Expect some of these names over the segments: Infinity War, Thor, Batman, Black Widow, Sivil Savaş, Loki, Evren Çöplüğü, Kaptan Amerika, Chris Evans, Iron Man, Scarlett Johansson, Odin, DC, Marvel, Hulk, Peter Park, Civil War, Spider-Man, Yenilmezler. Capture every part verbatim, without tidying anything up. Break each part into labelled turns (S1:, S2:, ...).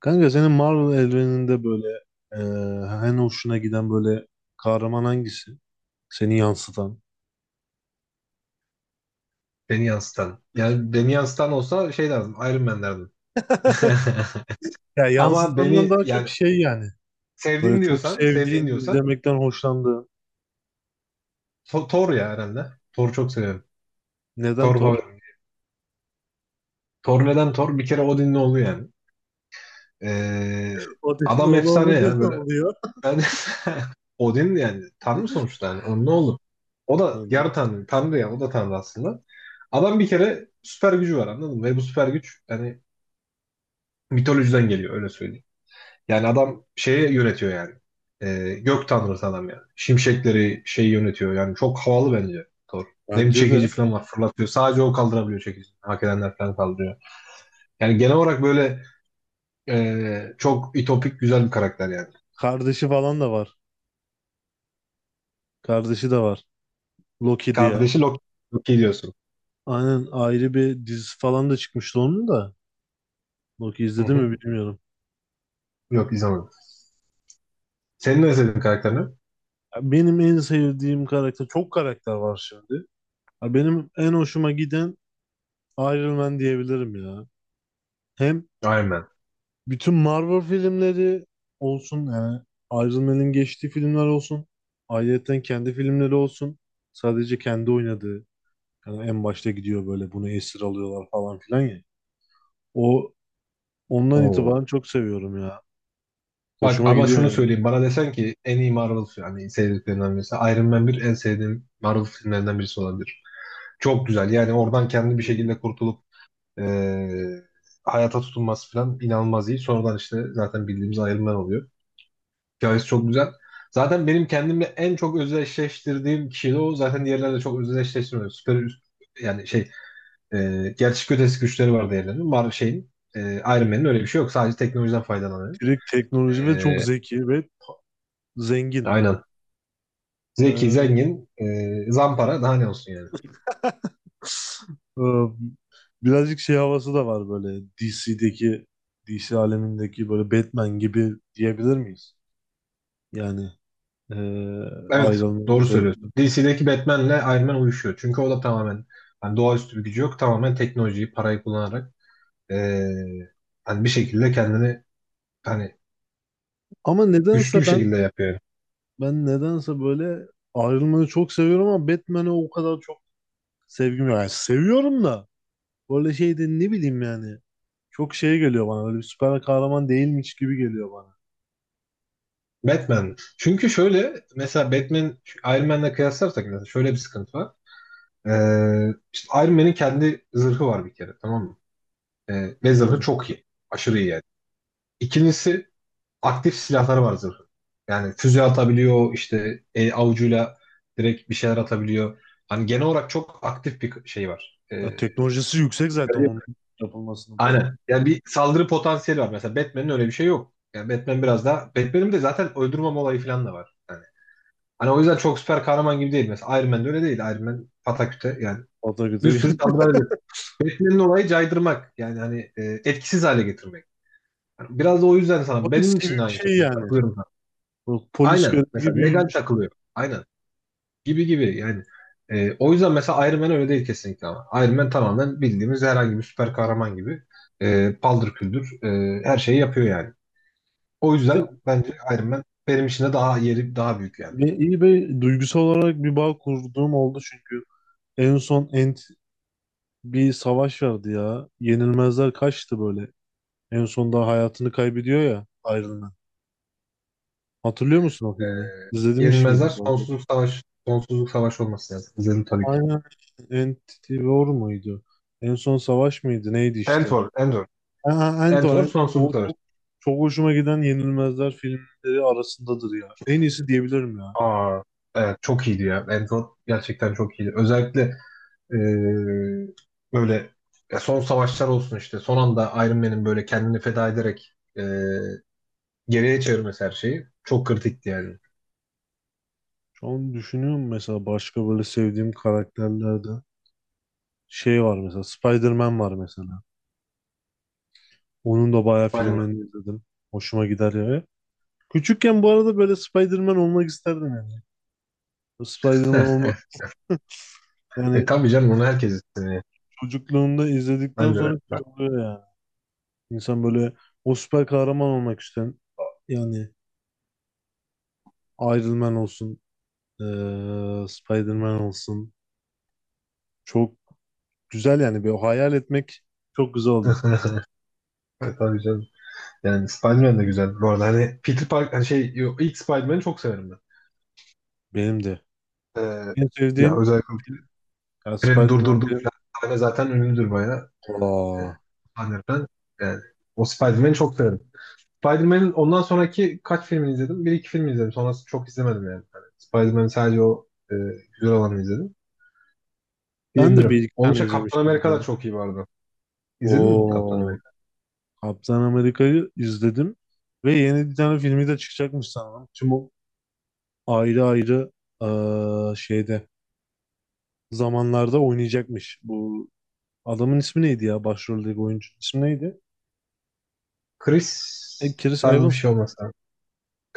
S1: Kanka senin Marvel evreninde böyle eee en hoşuna giden böyle kahraman hangisi? Seni yansıtan.
S2: Beni yansıtan. Yani beni yansıtan olsa şey derdim. Iron Man derdim.
S1: Ya
S2: Ama
S1: yansıtandan
S2: beni
S1: daha
S2: yani
S1: çok şey yani.
S2: sevdiğin
S1: Böyle çok
S2: diyorsan, sevdiğin
S1: sevdiğin,
S2: diyorsan
S1: izlemekten hoşlandığın.
S2: To- Thor ya herhalde. Thor'u çok seviyorum.
S1: Neden
S2: Thor
S1: Thor?
S2: favorim. Thor neden Thor? Bir kere Odin'le oldu yani. Ee,
S1: Odin'in
S2: adam
S1: oğlu
S2: efsane
S1: olunca
S2: ya
S1: ne
S2: böyle.
S1: oluyor?
S2: Ben Odin yani tanrı sonuçta yani. Onun ne olur? O da yarı tanrı. Tanrı ya o da tanrı aslında. Adam bir kere süper gücü var anladın mı? Ve bu süper güç yani mitolojiden geliyor öyle söyleyeyim. Yani adam şeye yönetiyor yani. Ee, gök tanrısı adam yani. Şimşekleri şey yönetiyor yani. Çok havalı bence Thor. Nem
S1: Bence
S2: çekici
S1: de.
S2: falan var fırlatıyor. Sadece o kaldırabiliyor çekici. Hak edenler falan kaldırıyor. Yani genel olarak böyle e, çok ütopik güzel bir karakter yani.
S1: Kardeşi falan da var. Kardeşi de var. Loki diye.
S2: Kardeşi Loki, Loki diyorsun.
S1: Aynen, ayrı bir dizisi falan da çıkmıştı onun da. Loki
S2: Hı
S1: izledi mi
S2: hı.
S1: bilmiyorum.
S2: Yok izlemedim. Senin ne sevdiğin karakter ne?
S1: Ya benim en sevdiğim karakter, çok karakter var şimdi. Ya benim en hoşuma giden Iron Man diyebilirim ya. Hem
S2: Iron Man.
S1: bütün Marvel filmleri olsun yani, Iron Man'in geçtiği filmler olsun. Ayrıyeten kendi filmleri olsun. Sadece kendi oynadığı. Yani en başta gidiyor böyle, bunu esir alıyorlar falan filan ya. O Ondan itibaren
S2: Oo.
S1: çok seviyorum ya.
S2: Bak
S1: Hoşuma
S2: ama
S1: gidiyor
S2: şunu
S1: yani.
S2: söyleyeyim. Bana desen ki en iyi Marvel yani sevdiklerinden birisi. Iron Man bir en sevdiğim Marvel filmlerinden birisi olabilir. Çok güzel. Yani oradan kendi bir şekilde kurtulup eee, hayata tutunması falan inanılmaz iyi. Sonradan işte zaten bildiğimiz ayrımlar oluyor. Hikayesi çok güzel. Zaten benim kendimle en çok özdeşleştirdiğim kişi de o. Zaten diğerlerle çok özdeşleştirmiyorum. Süper üst- yani şey eee gerçek ötesi güçleri var diğerlerinin. Var şeyin eee Iron Man'in öyle bir şey yok. Sadece teknolojiden faydalanıyor.
S1: Direkt teknoloji ve çok
S2: Eee,
S1: zeki ve zengin.
S2: aynen. Zeki,
S1: Ee,
S2: zengin, eee, zampara daha ne olsun yani.
S1: e, Birazcık şey havası da var böyle, D C'deki D C alemindeki böyle Batman gibi diyebilir miyiz? Yani eee
S2: Evet, doğru
S1: ayrılmayı
S2: söylüyorsun.
S1: Batman.
S2: D C'deki Batman'le Iron Man uyuşuyor. Çünkü o da tamamen hani doğaüstü bir gücü yok. Tamamen teknolojiyi, parayı kullanarak eee, hani bir şekilde kendini hani
S1: Ama
S2: güçlü bir
S1: nedense ben
S2: şekilde yapıyor.
S1: ben nedense böyle ayrılmayı çok seviyorum ama Batman'e o kadar çok sevgim yok. Yani seviyorum da, böyle şey ne bileyim yani. Çok şey geliyor bana. Böyle bir süper kahraman değilmiş gibi geliyor bana.
S2: Batman. Çünkü şöyle mesela Batman Iron Man'le kıyaslarsak mesela şöyle bir sıkıntı var. Eee işte Iron Man'in kendi zırhı var bir kere tamam mı? Eee ve zırhı
S1: Hmm.
S2: çok iyi. Aşırı iyi yani. İkincisi aktif silahları var zırhın. Yani füze atabiliyor, işte e, avucuyla direkt bir şeyler atabiliyor. Hani genel olarak çok aktif bir şey var. E,
S1: Ya
S2: Öyle
S1: teknolojisi yüksek zaten
S2: değil mi?
S1: onun yapılmasının falan.
S2: Aynen. Yani bir saldırı potansiyeli var. Mesela Batman'in öyle bir şey yok. Yani Batman biraz daha... Batman'in de zaten öldürmem olayı falan da var. Yani. Hani o yüzden çok süper kahraman gibi değil. Mesela Iron Man de öyle değil. Iron Man pataküte yani.
S1: O da
S2: Bir
S1: güzel.
S2: sürü saldırı ediyor. Batman'in olayı caydırmak. Yani hani e, etkisiz hale getirmek. Yani biraz da o yüzden sana
S1: Polis
S2: benim
S1: gibi
S2: için de
S1: bir
S2: aynı
S1: şey
S2: şekilde
S1: yani.
S2: katılıyorum.
S1: Bu polis
S2: Aynen.
S1: görevi
S2: Mesela
S1: gibi.
S2: legal takılıyor. Aynen. Gibi gibi yani. E, o yüzden mesela Iron Man öyle değil kesinlikle ama. Iron Man tamamen bildiğimiz herhangi bir süper kahraman gibi. E, paldır küldür e, her şeyi yapıyor yani. O
S1: Bir de
S2: yüzden bence Iron Man benim için de daha yeri daha büyük yani.
S1: bir- iyi bir duygusal olarak bir bağ kurduğum oldu, çünkü en son Ant bir savaş vardı ya. Yenilmezler kaçtı böyle. En sonunda hayatını kaybediyor ya Iron. Hatırlıyor musun o filmi?
S2: E,
S1: İzlemiş miydin
S2: Yenilmezler
S1: daha doğrusu?
S2: sonsuzluk savaş sonsuzluk savaş olması lazım. İzledim tabii ki.
S1: Aynen. Infinity War muydu? En son savaş mıydı? Neydi işte?
S2: Entor, Entor.
S1: Ha, Ant War.
S2: Entor
S1: Ant-
S2: sonsuzluk
S1: O
S2: savaşı.
S1: çok, çok hoşuma giden Yenilmezler filmleri arasındadır ya. En iyisi diyebilirim ya.
S2: Aa, evet çok iyiydi ya. Entor gerçekten çok iyiydi. Özellikle Ee, böyle ya son savaşlar olsun işte. Son anda Iron Man'in böyle kendini feda ederek e, geriye çevirmesi her şeyi çok kritikti yani.
S1: Şu an düşünüyorum mesela, başka böyle sevdiğim karakterlerde şey var mesela, Spider-Man var mesela. Onun da bayağı
S2: Aynen.
S1: filmlerini izledim. Hoşuma gider ya. Küçükken bu arada böyle Spider-Man olmak isterdim yani. Spider-Man olmak
S2: E
S1: yani,
S2: tabii canım onu herkes istemiyor.
S1: çocukluğunda izledikten
S2: Ben de öyle.
S1: sonra şey oluyor yani. İnsan böyle o süper kahraman olmak isteyen yani, Iron Man olsun, eee Spider-Man olsun. Çok güzel yani, bir hayal etmek çok güzel oluyor.
S2: E, tabii canım. Yani Spider-Man de güzel. Bu arada hani Peter Park hani şey yo- ilk Spider-Man'i çok severim ben.
S1: Benim de.
S2: Ee,
S1: En
S2: ya
S1: sevdiğim
S2: özellikle
S1: film yani
S2: treni
S1: Spider-Man
S2: durdurduğu
S1: film.
S2: falan sahne zaten ünlüdür bayağı. E,
S1: Aa,
S2: sahneden. Yani o Spider-Man'i çok severim. Spider-Man'in ondan sonraki kaç filmini izledim? Bir iki film izledim. Sonrası çok izlemedim yani. Hani Spider-Man'in sadece o e, güzel olanı izledim.
S1: ben de bir
S2: Diyebilirim.
S1: iki
S2: Onun
S1: tane
S2: için Kaptan
S1: izlemişim bir
S2: Amerika
S1: de.
S2: da çok iyi vardı. İzledin mi Kaptan
S1: Oo,
S2: Amerika?
S1: Kaptan Amerika'yı izledim ve yeni bir tane filmi de çıkacakmış sanırım. Tüm o ayrı ayrı eee, şeyde zamanlarda oynayacakmış. Bu adamın ismi neydi ya? Başroldeki oyuncunun ismi neydi? E,
S2: Chris
S1: Chris
S2: tarzı bir
S1: Evans.
S2: şey olmasa.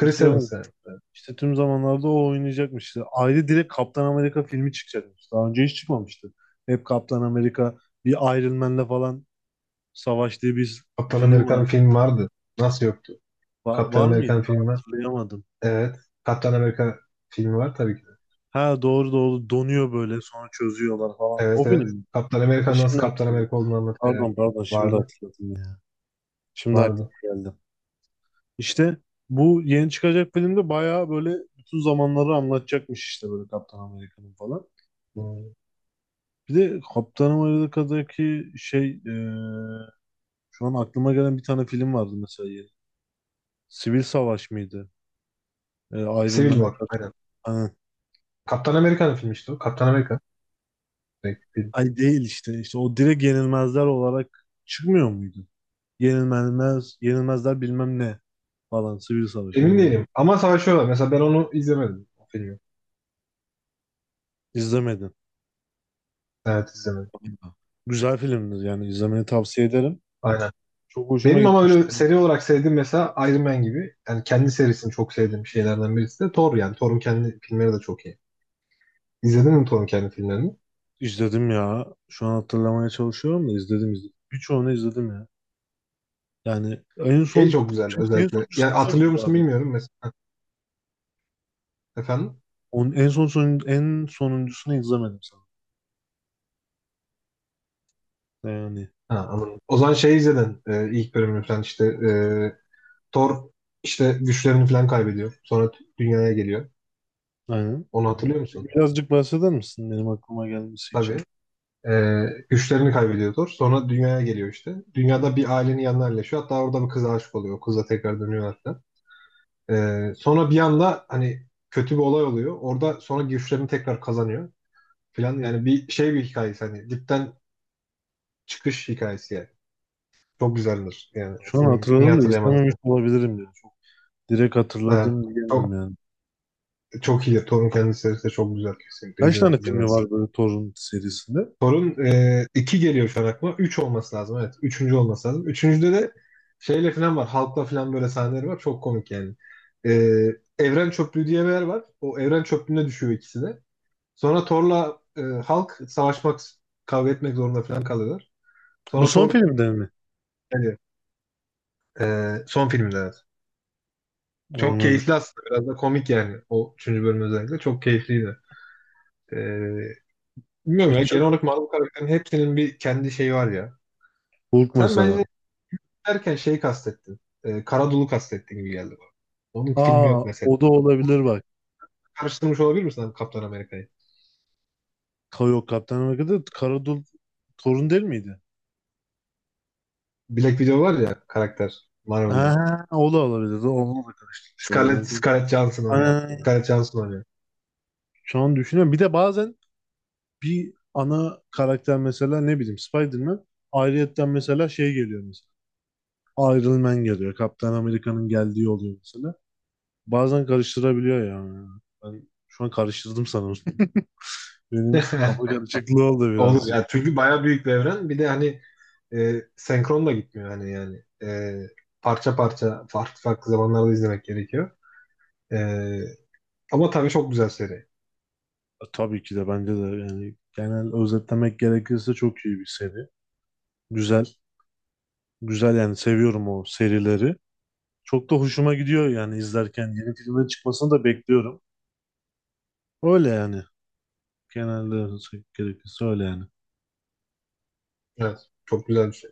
S1: Chris Evans.
S2: Evans yani.
S1: İşte tüm zamanlarda o oynayacakmış. İşte ayrı, direkt Kaptan Amerika filmi çıkacakmış. Daha önce hiç çıkmamıştı. Hep Kaptan Amerika bir Iron Man'le falan savaştığı bir
S2: Kaptan
S1: film var.
S2: Amerika'nın filmi vardı. Nasıl yoktu?
S1: Va-
S2: Kaptan
S1: var mıydı?
S2: Amerika'nın
S1: Ben
S2: filmi var.
S1: hatırlayamadım.
S2: Evet. Kaptan Amerika filmi var tabii ki.
S1: Ha, doğru doğru, donuyor böyle sonra çözüyorlar falan.
S2: Evet
S1: O
S2: evet.
S1: film mi?
S2: Kaptan
S1: Ha,
S2: Amerika'nın nasıl
S1: şimdi
S2: Kaptan
S1: hatırladım.
S2: Amerika olduğunu anlatıyor. Evet.
S1: Pardon pardon, şimdi
S2: Vardı.
S1: hatırladım ya. Şimdi aklıma
S2: Vardı.
S1: geldi. İşte bu yeni çıkacak filmde bayağı böyle bütün zamanları anlatacakmış işte, böyle Kaptan Amerika'nın falan.
S2: Hmm.
S1: Bir de Kaptan Amerika'daki şey, e, şu an aklıma gelen bir tane film vardı mesela, yeni. Sivil Savaş mıydı? E, Iron
S2: Civil
S1: Man'a
S2: War.
S1: karşı.
S2: Aynen.
S1: Ha.
S2: Kaptan Amerika'nın filmi işte o. Kaptan Amerika. Direkt film.
S1: Ay değil işte. İşte o direkt Yenilmezler olarak çıkmıyor muydu? Yenilmez, Yenilmezler bilmem ne falan. Sivil Savaş
S2: Emin
S1: Yenilmezler.
S2: değilim. Ama savaşıyorlar. Mesela ben onu izlemedim. O filmi.
S1: İzlemedim.
S2: Evet izlemedim.
S1: Güzel filmdir yani, izlemeni tavsiye ederim.
S2: Aynen.
S1: Çok hoşuma
S2: Benim ama
S1: gitmişti.
S2: öyle seri olarak sevdiğim mesela Iron Man gibi. Yani kendi serisini çok sevdiğim şeylerden birisi de Thor yani. Thor'un kendi filmleri de çok iyi. İzledin mi Thor'un kendi filmlerini?
S1: İzledim ya. Şu an hatırlamaya çalışıyorum da, izledim izledim. Birçoğunu izledim ya. Yani en
S2: Şey
S1: son
S2: çok güzel
S1: en
S2: özellikle.
S1: sonuncusunu
S2: Yani
S1: izlemedim
S2: hatırlıyor musun
S1: galiba.
S2: bilmiyorum mesela. Efendim?
S1: Onun en son, son en sonuncusunu izlemedim sanırım. Yani
S2: Ha, anladım. O zaman şey izledin. E, ilk bölümünü falan işte e, Thor işte güçlerini falan kaybediyor. Sonra dünyaya geliyor.
S1: aynen.
S2: Onu hatırlıyor musun?
S1: Birazcık bahseder misin benim aklıma gelmesi için?
S2: Tabii. Ee, güçlerini kaybediyor Thor. Sonra dünyaya geliyor işte. Dünyada bir ailenin yanına yerleşiyor. Hatta orada bir kıza aşık oluyor. O kızla tekrar dönüyor hatta. Ee, sonra bir anda hani kötü bir olay oluyor. Orada sonra güçlerini tekrar kazanıyor falan. Yani bir şey bir hikayesi hani dipten çıkış hikayesi yani. Çok güzeldir. Yani o
S1: Şu an
S2: film niye
S1: hatırladım da
S2: hatırlayamadın
S1: izlememiş
S2: sen?
S1: olabilirim ya. Çok direkt
S2: Ha,
S1: hatırladım
S2: çok,
S1: diyemem yani.
S2: çok iyi. Thor'un kendisi de çok güzel kesinlikle.
S1: Kaç
S2: İzle,
S1: tane filmi
S2: izlemelisin.
S1: var böyle Thor'un serisinde?
S2: Sorun e, iki geliyor şu an aklıma. üç olması lazım evet. Üçüncü olması lazım. Üçüncüde de şeyle falan var. Halkla falan böyle sahneleri var. Çok komik yani. E, Evren Çöplüğü diye bir yer var. O Evren Çöplüğü'ne düşüyor ikisi de. Sonra Thor'la e, Hulk savaşmak, kavga etmek zorunda falan kalıyorlar.
S1: Bu
S2: Sonra
S1: son
S2: Thor
S1: filmde mi?
S2: yani, e, son filmde evet. Çok
S1: Anladım.
S2: keyifli aslında. Biraz da komik yani. O üçüncü bölüm özellikle. Çok keyifliydi. E, bilmiyorum ya.
S1: Birçok
S2: Genel olarak Marvel karakterinin hepsinin bir kendi şeyi var ya.
S1: Hulk
S2: Sen
S1: mesela.
S2: bence derken şey kastetti. E, Karadul'u kastetti gibi geldi bana. Onun filmi
S1: Aa,
S2: yok mesela.
S1: o da olabilir bak.
S2: Karıştırmış olabilir misin abi Kaptan Amerika'yı?
S1: Ka- Yok, Kaptan Amerika'da Karadul Thor'un değil miydi?
S2: Black Widow var ya karakter Marvel'da.
S1: Ha, o da olabilir. O- Onu da karıştırmış
S2: Scarlett,
S1: olabilir.
S2: Scarlett Johansson oynuyor.
S1: Aa,
S2: Scarlett Johansson oynuyor.
S1: şu an düşünüyorum. Bir de bazen bir ana karakter mesela, ne bileyim Spider-Man, ayrıyetten mesela şey geliyor mesela. Iron Man geliyor. Kaptan Amerika'nın geldiği oluyor mesela. Bazen karıştırabiliyor yani. Ben şu an karıştırdım sanırım. Benim kafa karışıklığı oldu
S2: Olur
S1: birazcık.
S2: ya çünkü bayağı büyük bir evren. Bir de hani e, senkron da gitmiyor hani yani. E, parça parça farklı farklı zamanlarda izlemek gerekiyor. E, Ama tabii çok güzel seri.
S1: E, Tabii ki de, bence de yani, genel özetlemek gerekirse çok iyi bir seri. Güzel. Güzel, yani seviyorum o serileri. Çok da hoşuma gidiyor yani izlerken. Yeni filmlerin çıkmasını da bekliyorum. Öyle yani. Genelde gerekirse öyle yani.
S2: Evet. Çok güzel bir şey.